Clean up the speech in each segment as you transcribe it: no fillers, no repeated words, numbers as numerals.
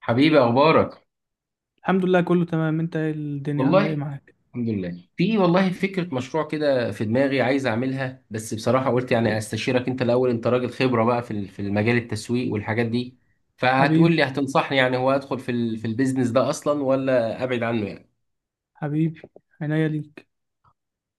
حبيبي، اخبارك؟ الحمد لله، كله تمام. انت ايه؟ الدنيا والله عامله ايه معاك؟ الحمد لله. في والله فكره مشروع كده في دماغي عايز اعملها، بس بصراحه قلت يعني استشيرك انت الاول. انت راجل خبره بقى في المجال التسويق والحاجات دي، فهتقول لي حبيبي، هتنصحني يعني. هو ادخل في البيزنس ده اصلا ولا ابعد عنه يعني؟ حبيبي، عينيا ليك.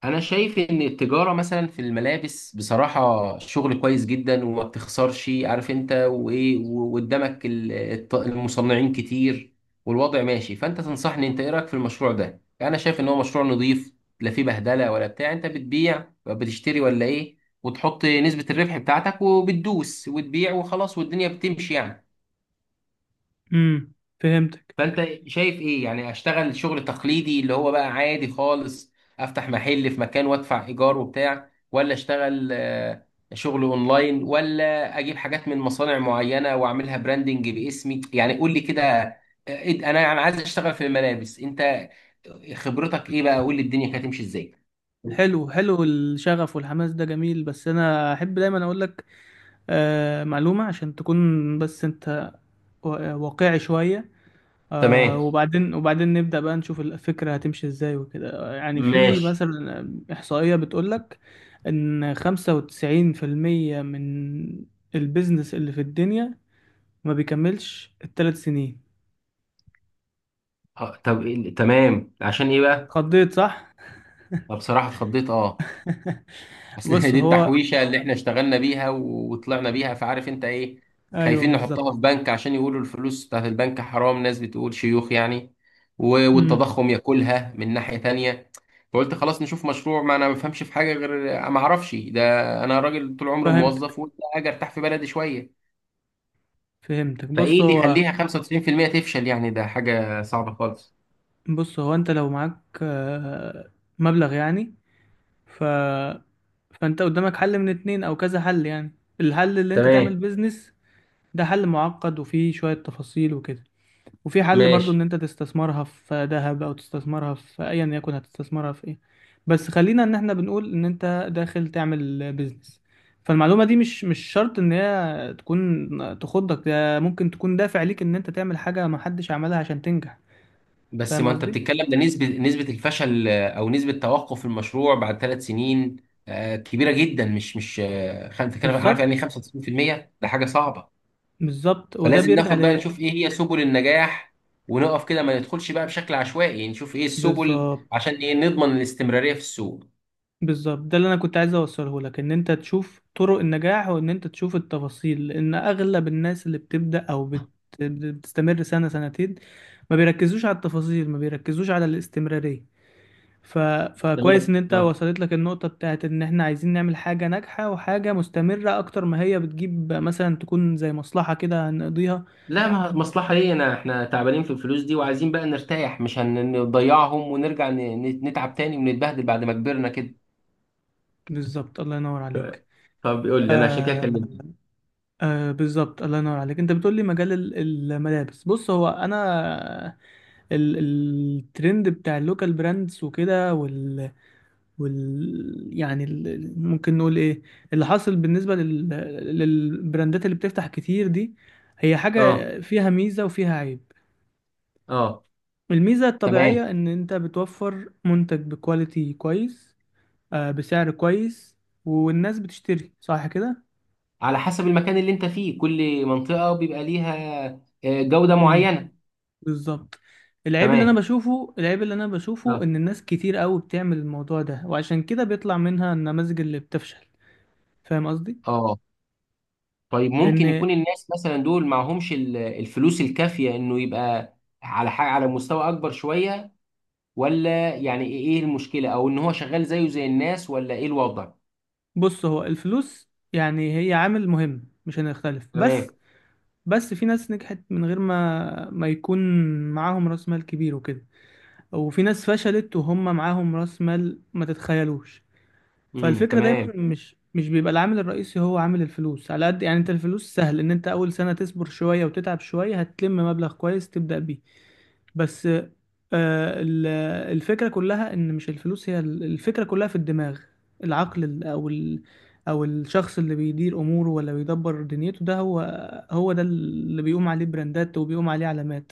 انا شايف ان التجاره مثلا في الملابس بصراحه شغل كويس جدا، وما بتخسرش، عارف انت وايه، وقدامك المصنعين كتير، والوضع ماشي. فانت تنصحني، انت ايه رايك في المشروع ده يعني؟ انا شايف ان هو مشروع نظيف، لا فيه بهدله ولا بتاع. انت بتبيع بتشتري ولا ايه، وتحط نسبه الربح بتاعتك وبتدوس وتبيع وخلاص، والدنيا بتمشي يعني. امم. فهمتك. فانت شايف ايه يعني؟ اشتغل شغل تقليدي اللي هو بقى عادي خالص، افتح محل في مكان وادفع ايجار وبتاع، ولا اشتغل شغل اونلاين، ولا اجيب حاجات من مصانع معينة واعملها براندنج باسمي؟ يعني قول لي كده. انا عايز اشتغل في الملابس، انت خبرتك ايه بقى؟ قول لي الدنيا كانت هتمشي ازاي. حلو حلو، الشغف والحماس ده جميل، بس انا احب دايما اقول لك معلومه عشان تكون بس انت واقعي شويه. تمام. وبعدين نبدا بقى نشوف الفكره هتمشي ازاي وكده. يعني في ماشي. مثلا احصائيه بتقول لك ان 95% من البيزنس اللي في الدنيا ما بيكملش الثلاث سنين. طب تمام، عشان ايه بقى؟ اتخضيت، صح؟ أنا بصراحة اتخضيت، اه. اصل بص دي هو، التحويشه اللي احنا اشتغلنا بيها وطلعنا بيها، فعارف انت ايه. ايوه خايفين نحطها بالظبط. في بنك عشان يقولوا الفلوس بتاعت البنك حرام، ناس بتقول شيوخ يعني، و- امم. والتضخم ياكلها من ناحيه تانية. فقلت خلاص نشوف مشروع، ما انا ما بفهمش في حاجه غير ما اعرفش ده. انا راجل طول عمري فهمتك موظف، وقلت اجي ارتاح في بلدي شويه. فهمتك. بص فايه اللي هو يخليها 95% تفشل يعني؟ ده حاجه صعبه خالص. بص هو انت لو معاك مبلغ يعني. ف فانت قدامك حل من اتنين او كذا حل يعني. الحل اللي انت تمام. تعمل بيزنس، ده حل معقد وفيه شوية تفاصيل وكده. وفي حل برضو ان ماشي. انت تستثمرها في ذهب، او تستثمرها في ايا يكن، هتستثمرها في ايه؟ بس خلينا ان احنا بنقول ان انت داخل تعمل بيزنس. فالمعلومة دي مش شرط ان هي تكون تخضك. ده ممكن تكون دافع ليك ان انت تعمل حاجة ما حدش عملها عشان تنجح. بس فاهم ما انت قصدي؟ بتتكلم، ده نسبة الفشل او نسبة توقف المشروع بعد 3 سنين. كبيرة جدا، مش بتتكلم، عارف يعني ايه بالظبط، 95%؟ ده حاجة صعبة. بالظبط. وده فلازم بيرجع ناخد بقى ل نشوف ايه هي سبل النجاح، ونقف كده ما ندخلش بقى بشكل عشوائي يعني. نشوف ايه السبل بالظبط عشان ايه نضمن الاستمرارية في السوق. بالظبط ده اللي انا كنت عايز اوصله لك ان انت تشوف طرق النجاح، وان انت تشوف التفاصيل، لان اغلب الناس اللي بتبدا او بتستمر سنه سنتين، ما بيركزوش على التفاصيل، ما بيركزوش على الاستمراريه. ف... تمام، فكويس ان انت اه. وصلت لك النقطه بتاعت ان احنا عايزين نعمل حاجه ناجحه وحاجه مستمره، اكتر ما هي بتجيب مثلا تكون زي مصلحه كده هنقضيها. لا ما مصلحة ليه، انا احنا تعبانين في الفلوس دي وعايزين بقى نرتاح، مش هنضيعهم ونرجع نتعب تاني ونتبهدل بعد ما كبرنا كده. بالظبط، الله ينور عليك. طب يقول لي انا، عشان كده آه... كلمتك. بالظبط، الله ينور عليك. انت بتقول لي مجال الملابس، بص هو انا الترند بتاع اللوكال براندز وكده، ممكن نقول ايه اللي حاصل بالنسبه للبراندات اللي بتفتح كتير دي، هي اه. حاجه فيها ميزه وفيها عيب. اه. الميزه تمام. الطبيعيه ان انت بتوفر منتج بكواليتي كويس، بسعر كويس، والناس بتشتري، صح كده؟ على حسب المكان اللي انت فيه، كل منطقة بيبقى ليها جودة امم، معينة. بالظبط. العيب اللي انا تمام، بشوفه العيب اللي انا بشوفه اه. ان الناس كتير قوي بتعمل الموضوع ده، وعشان كده بيطلع منها النماذج اللي بتفشل. فاهم قصدي؟ اه. طيب، ممكن لان يكون الناس مثلا دول معهمش الفلوس الكافية، انه يبقى على حاجة على مستوى اكبر شوية؟ ولا يعني ايه، إيه المشكلة؟ او ان هو شغال زيه زي الناس، ولا ايه الوضع؟ بص هو الفلوس يعني هي عامل مهم، مش هنختلف، تمام. بس بس في ناس نجحت من غير ما يكون معاهم راس مال كبير وكده، وفي ناس فشلت وهم معاهم راس مال ما تتخيلوش. امم. فالفكرة دايما تمام مش بيبقى العامل الرئيسي هو عامل الفلوس على قد يعني. انت الفلوس سهل، ان انت اول سنة تصبر شوية وتتعب شوية هتلم مبلغ كويس تبدأ بيه. بس آه، ال- الفكرة كلها ان مش الفلوس هي الفكرة كلها في الدماغ. العقل ال- او ال او الشخص اللي بيدير اموره، ولا بيدبر دنيته، ده هو ده اللي بيقوم عليه براندات وبيقوم عليه علامات.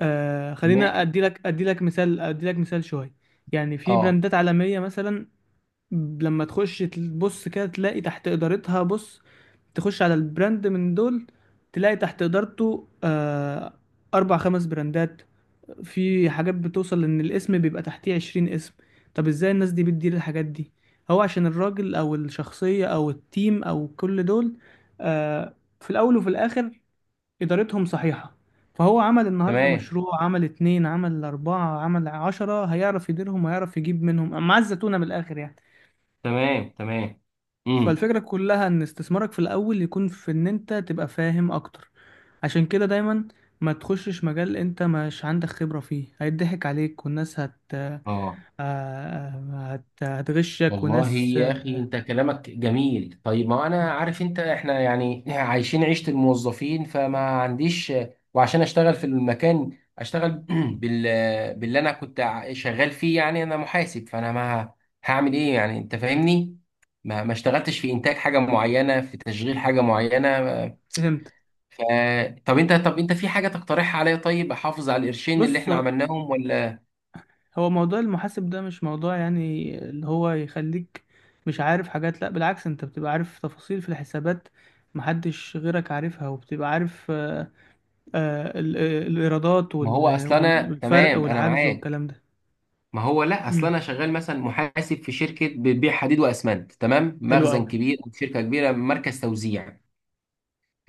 تمام. خلينا ادي لك مثال شوية. يعني في اه. براندات عالمية مثلا، لما تخش تبص كده تلاقي تحت إدارتها. بص، تخش على البراند من دول تلاقي تحت إدارته أربع خمس براندات. في حاجات بتوصل ان الاسم بيبقى تحتيه 20 اسم. طب ازاي الناس دي بتدير الحاجات دي؟ هو عشان الراجل او الشخصية او التيم او كل دول، آه في الاول وفي الاخر، ادارتهم صحيحة. فهو عمل النهاردة تمام مشروع، عمل اتنين، عمل اربعة، عمل عشرة، هيعرف يديرهم وهيعرف يجيب منهم مع الزتونة من الاخر يعني. تمام تمام. امم. فالفكرة كلها ان استثمارك في الاول يكون في ان انت تبقى فاهم اكتر. عشان كده دايما ما تخشش مجال انت مش عندك خبرة فيه، هيضحك عليك والناس آه، اه. هتغشك. والله وناس يا اخي انت كلامك جميل. طيب ما انا عارف، انت احنا يعني عايشين عيشة الموظفين، فما عنديش. وعشان اشتغل في المكان، اشتغل باللي انا كنت شغال فيه يعني، انا محاسب. فانا ما هعمل ايه يعني، انت فاهمني. ما اشتغلتش في انتاج حاجة معينة، في تشغيل حاجة معينة. فهمت. ف طب انت في حاجة تقترحها عليا، طيب احافظ على القرشين اللي بص احنا عملناهم ولا؟ هو موضوع المحاسب ده مش موضوع يعني اللي هو يخليك مش عارف حاجات. لا بالعكس، انت بتبقى عارف تفاصيل في الحسابات محدش غيرك عارفها، وبتبقى عارف الإيرادات ما هو اصل انا والفرق تمام، انا والعجز معاك. والكلام ده. ما هو لا، اصل امم. انا شغال مثلا محاسب في شركه بتبيع حديد واسمنت، تمام، حلو مخزن قوي. كبير، شركه كبيره، مركز توزيع.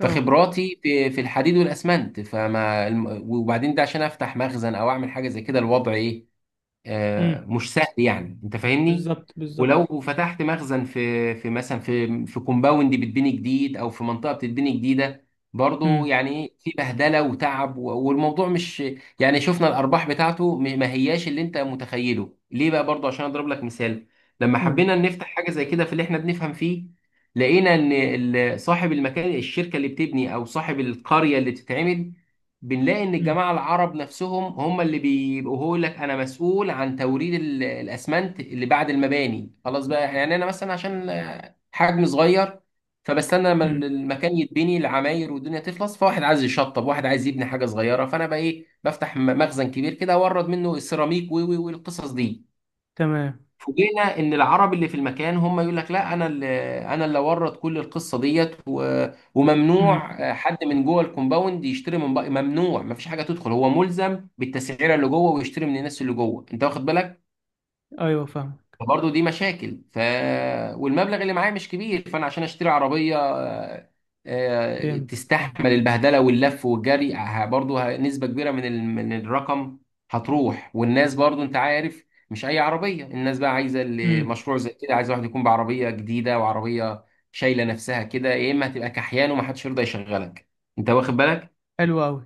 اه. في الحديد والاسمنت. فما وبعدين ده عشان افتح مخزن او اعمل حاجه زي كده، الوضع ايه؟ امم، مش سهل يعني، انت فاهمني. بالظبط، بالظبط. ولو فتحت مخزن في مثلا في كومباوند بتبني جديد، او في منطقه بتتبني جديده، برضو امم. يعني إيه، في بهدله وتعب، والموضوع مش يعني. شفنا الارباح بتاعته، ما هياش اللي انت متخيله ليه بقى. برضو عشان اضرب لك مثال، لما قول لي. حبينا نفتح حاجه زي كده في اللي احنا بنفهم فيه، لقينا ان صاحب المكان، الشركه اللي بتبني او صاحب القريه اللي بتتعمل، بنلاقي ان امم. الجماعه العرب نفسهم هم اللي بيبقوا، هو يقول لك انا مسؤول عن توريد الاسمنت اللي بعد المباني خلاص بقى يعني، انا مثلا عشان حجم صغير. فبستنى لما امم، المكان يتبني العماير والدنيا تخلص، فواحد عايز يشطب، واحد عايز يبني حاجه صغيره. فانا بقى ايه، بفتح مخزن كبير كده اورد منه السيراميك، والقصص دي. تمام. فوجئنا ان العرب اللي في المكان هم يقول لك لا، انا اللي ورط كل القصه ديت، و... امم، وممنوع حد من جوه الكومباوند يشتري من بقى، ممنوع ما فيش حاجه تدخل، هو ملزم بالتسعيره اللي جوه ويشتري من الناس اللي جوه، انت واخد بالك. ايوه فاهمك. فبرضه دي مشاكل. والمبلغ اللي معايا مش كبير، فانا عشان اشتري عربيه فهمت، فهمت. تستحمل البهدله واللف والجري، برضه نسبه كبيره من من الرقم هتروح. والناس برضه، انت عارف، مش اي عربيه، الناس بقى عايزه، امم. مشروع زي كده عايز واحد يكون بعربيه جديده، وعربيه شايله نفسها كده، يا اما هتبقى كحيان ومحدش يرضى يشغلك، انت واخد بالك. حلو قوي.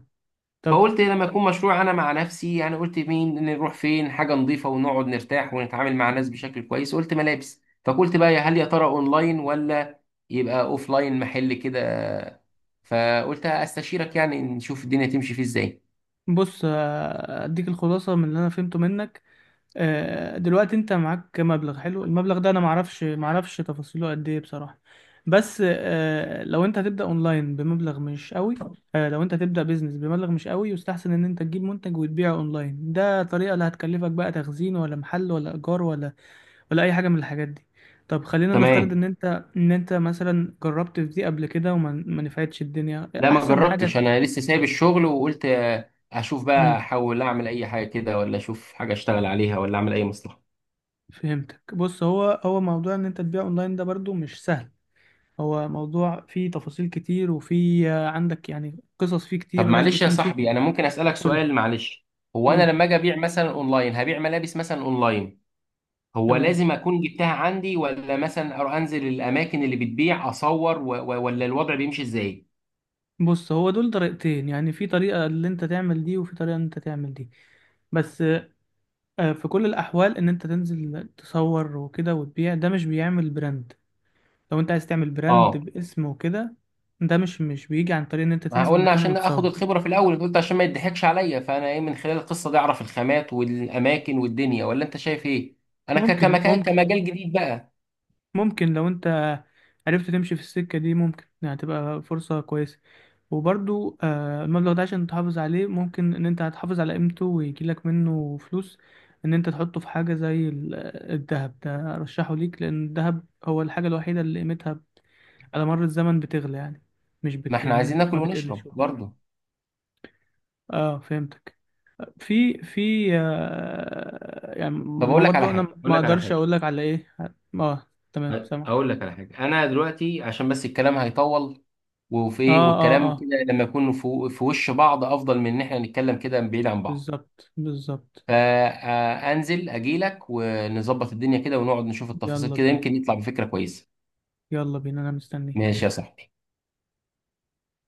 طب، فقلت لما يكون مشروع انا مع نفسي يعني، قلت مين، نروح فين حاجه نظيفه ونقعد نرتاح ونتعامل مع الناس بشكل كويس. قلت ملابس. فقلت بقى يا هل يا ترى اونلاين، ولا يبقى اوفلاين محل كده. فقلت استشيرك يعني نشوف الدنيا تمشي فيه ازاي. بص اديك الخلاصه من اللي انا فهمته منك. دلوقتي انت معاك مبلغ حلو، المبلغ ده انا معرفش تفاصيله قد ايه بصراحه، بس لو انت هتبدا اونلاين بمبلغ مش قوي، لو انت هتبدا بيزنس بمبلغ مش قوي، يستحسن ان انت تجيب منتج وتبيعه اونلاين. ده طريقه لا هتكلفك بقى تخزين ولا محل ولا ايجار ولا اي حاجه من الحاجات دي. طب خلينا نفترض تمام. ان انت مثلا جربت في دي قبل كده وما ما نفعتش الدنيا، لا ما احسن حاجه. جربتش، انا لسه سايب الشغل، وقلت اشوف بقى، احاول اعمل اي حاجه كده، ولا اشوف حاجه اشتغل عليها، ولا اعمل اي مصلحه. فهمتك. بص هو موضوع ان انت تبيع اونلاين ده برضو مش سهل. هو موضوع فيه تفاصيل كتير، وفيه عندك يعني قصص فيه طب كتير، ولازم معلش يا يكون فيه. صاحبي، انا ممكن اسالك قول، سؤال معلش؟ هو انا قول. لما اجي ابيع مثلا اونلاين، هبيع ملابس مثلا اونلاين، هو تمام. لازم اكون جبتها عندي، ولا مثلا أروح انزل الاماكن اللي بتبيع اصور، ولا الوضع بيمشي ازاي؟ بص هو دول طريقتين، يعني في طريقة اللي انت تعمل دي، وفي طريقة ان انت تعمل دي. بس في كل الاحوال ان انت تنزل تصور وكده وتبيع، ده مش بيعمل براند. لو انت عايز تعمل براند اه. باسم وكده، ده مش بيجي عن طريق ان انت ما تنزل قلنا مكان عشان اخد وتصور. الخبره في الاول، قلت عشان ما يضحكش عليا، فانا ايه، من خلال القصه دي اعرف الخامات والاماكن والدنيا، ولا انت شايف ايه؟ انا ك... ممكن كمكان ممكن كمجال جديد بقى. ممكن لو انت عرفت تمشي في السكة دي ممكن يعني تبقى فرصة كويسة. وبرضو المبلغ ده عشان تحافظ عليه، ممكن ان انت هتحافظ على قيمته ويجيلك منه فلوس، ان انت تحطه في حاجة زي الذهب. ده ارشحه ليك لان الذهب هو الحاجة الوحيدة اللي قيمتها على مر الزمن بتغلى يعني، مش ما بت... احنا عايزين ناكل ما بتقلش ونشرب وكده. برضه. اه، فهمتك. في يعني، طب ما هو برضه انا ما اقدرش اقول لك على ايه. اه، تمام، سامعك. اقول لك على حاجه انا دلوقتي عشان بس الكلام هيطول، وفي اه، ايه، اه، والكلام اه، كده لما يكون في، في وش بعض افضل من ان احنا نتكلم كده بعيد عن بعض. بالظبط، بالظبط. فانزل اجي لك ونظبط الدنيا كده ونقعد نشوف التفاصيل يلا كده، بينا، يمكن يطلع بفكرة كويسة. يلا بينا، انا مستنيك. ماشي يا صاحبي.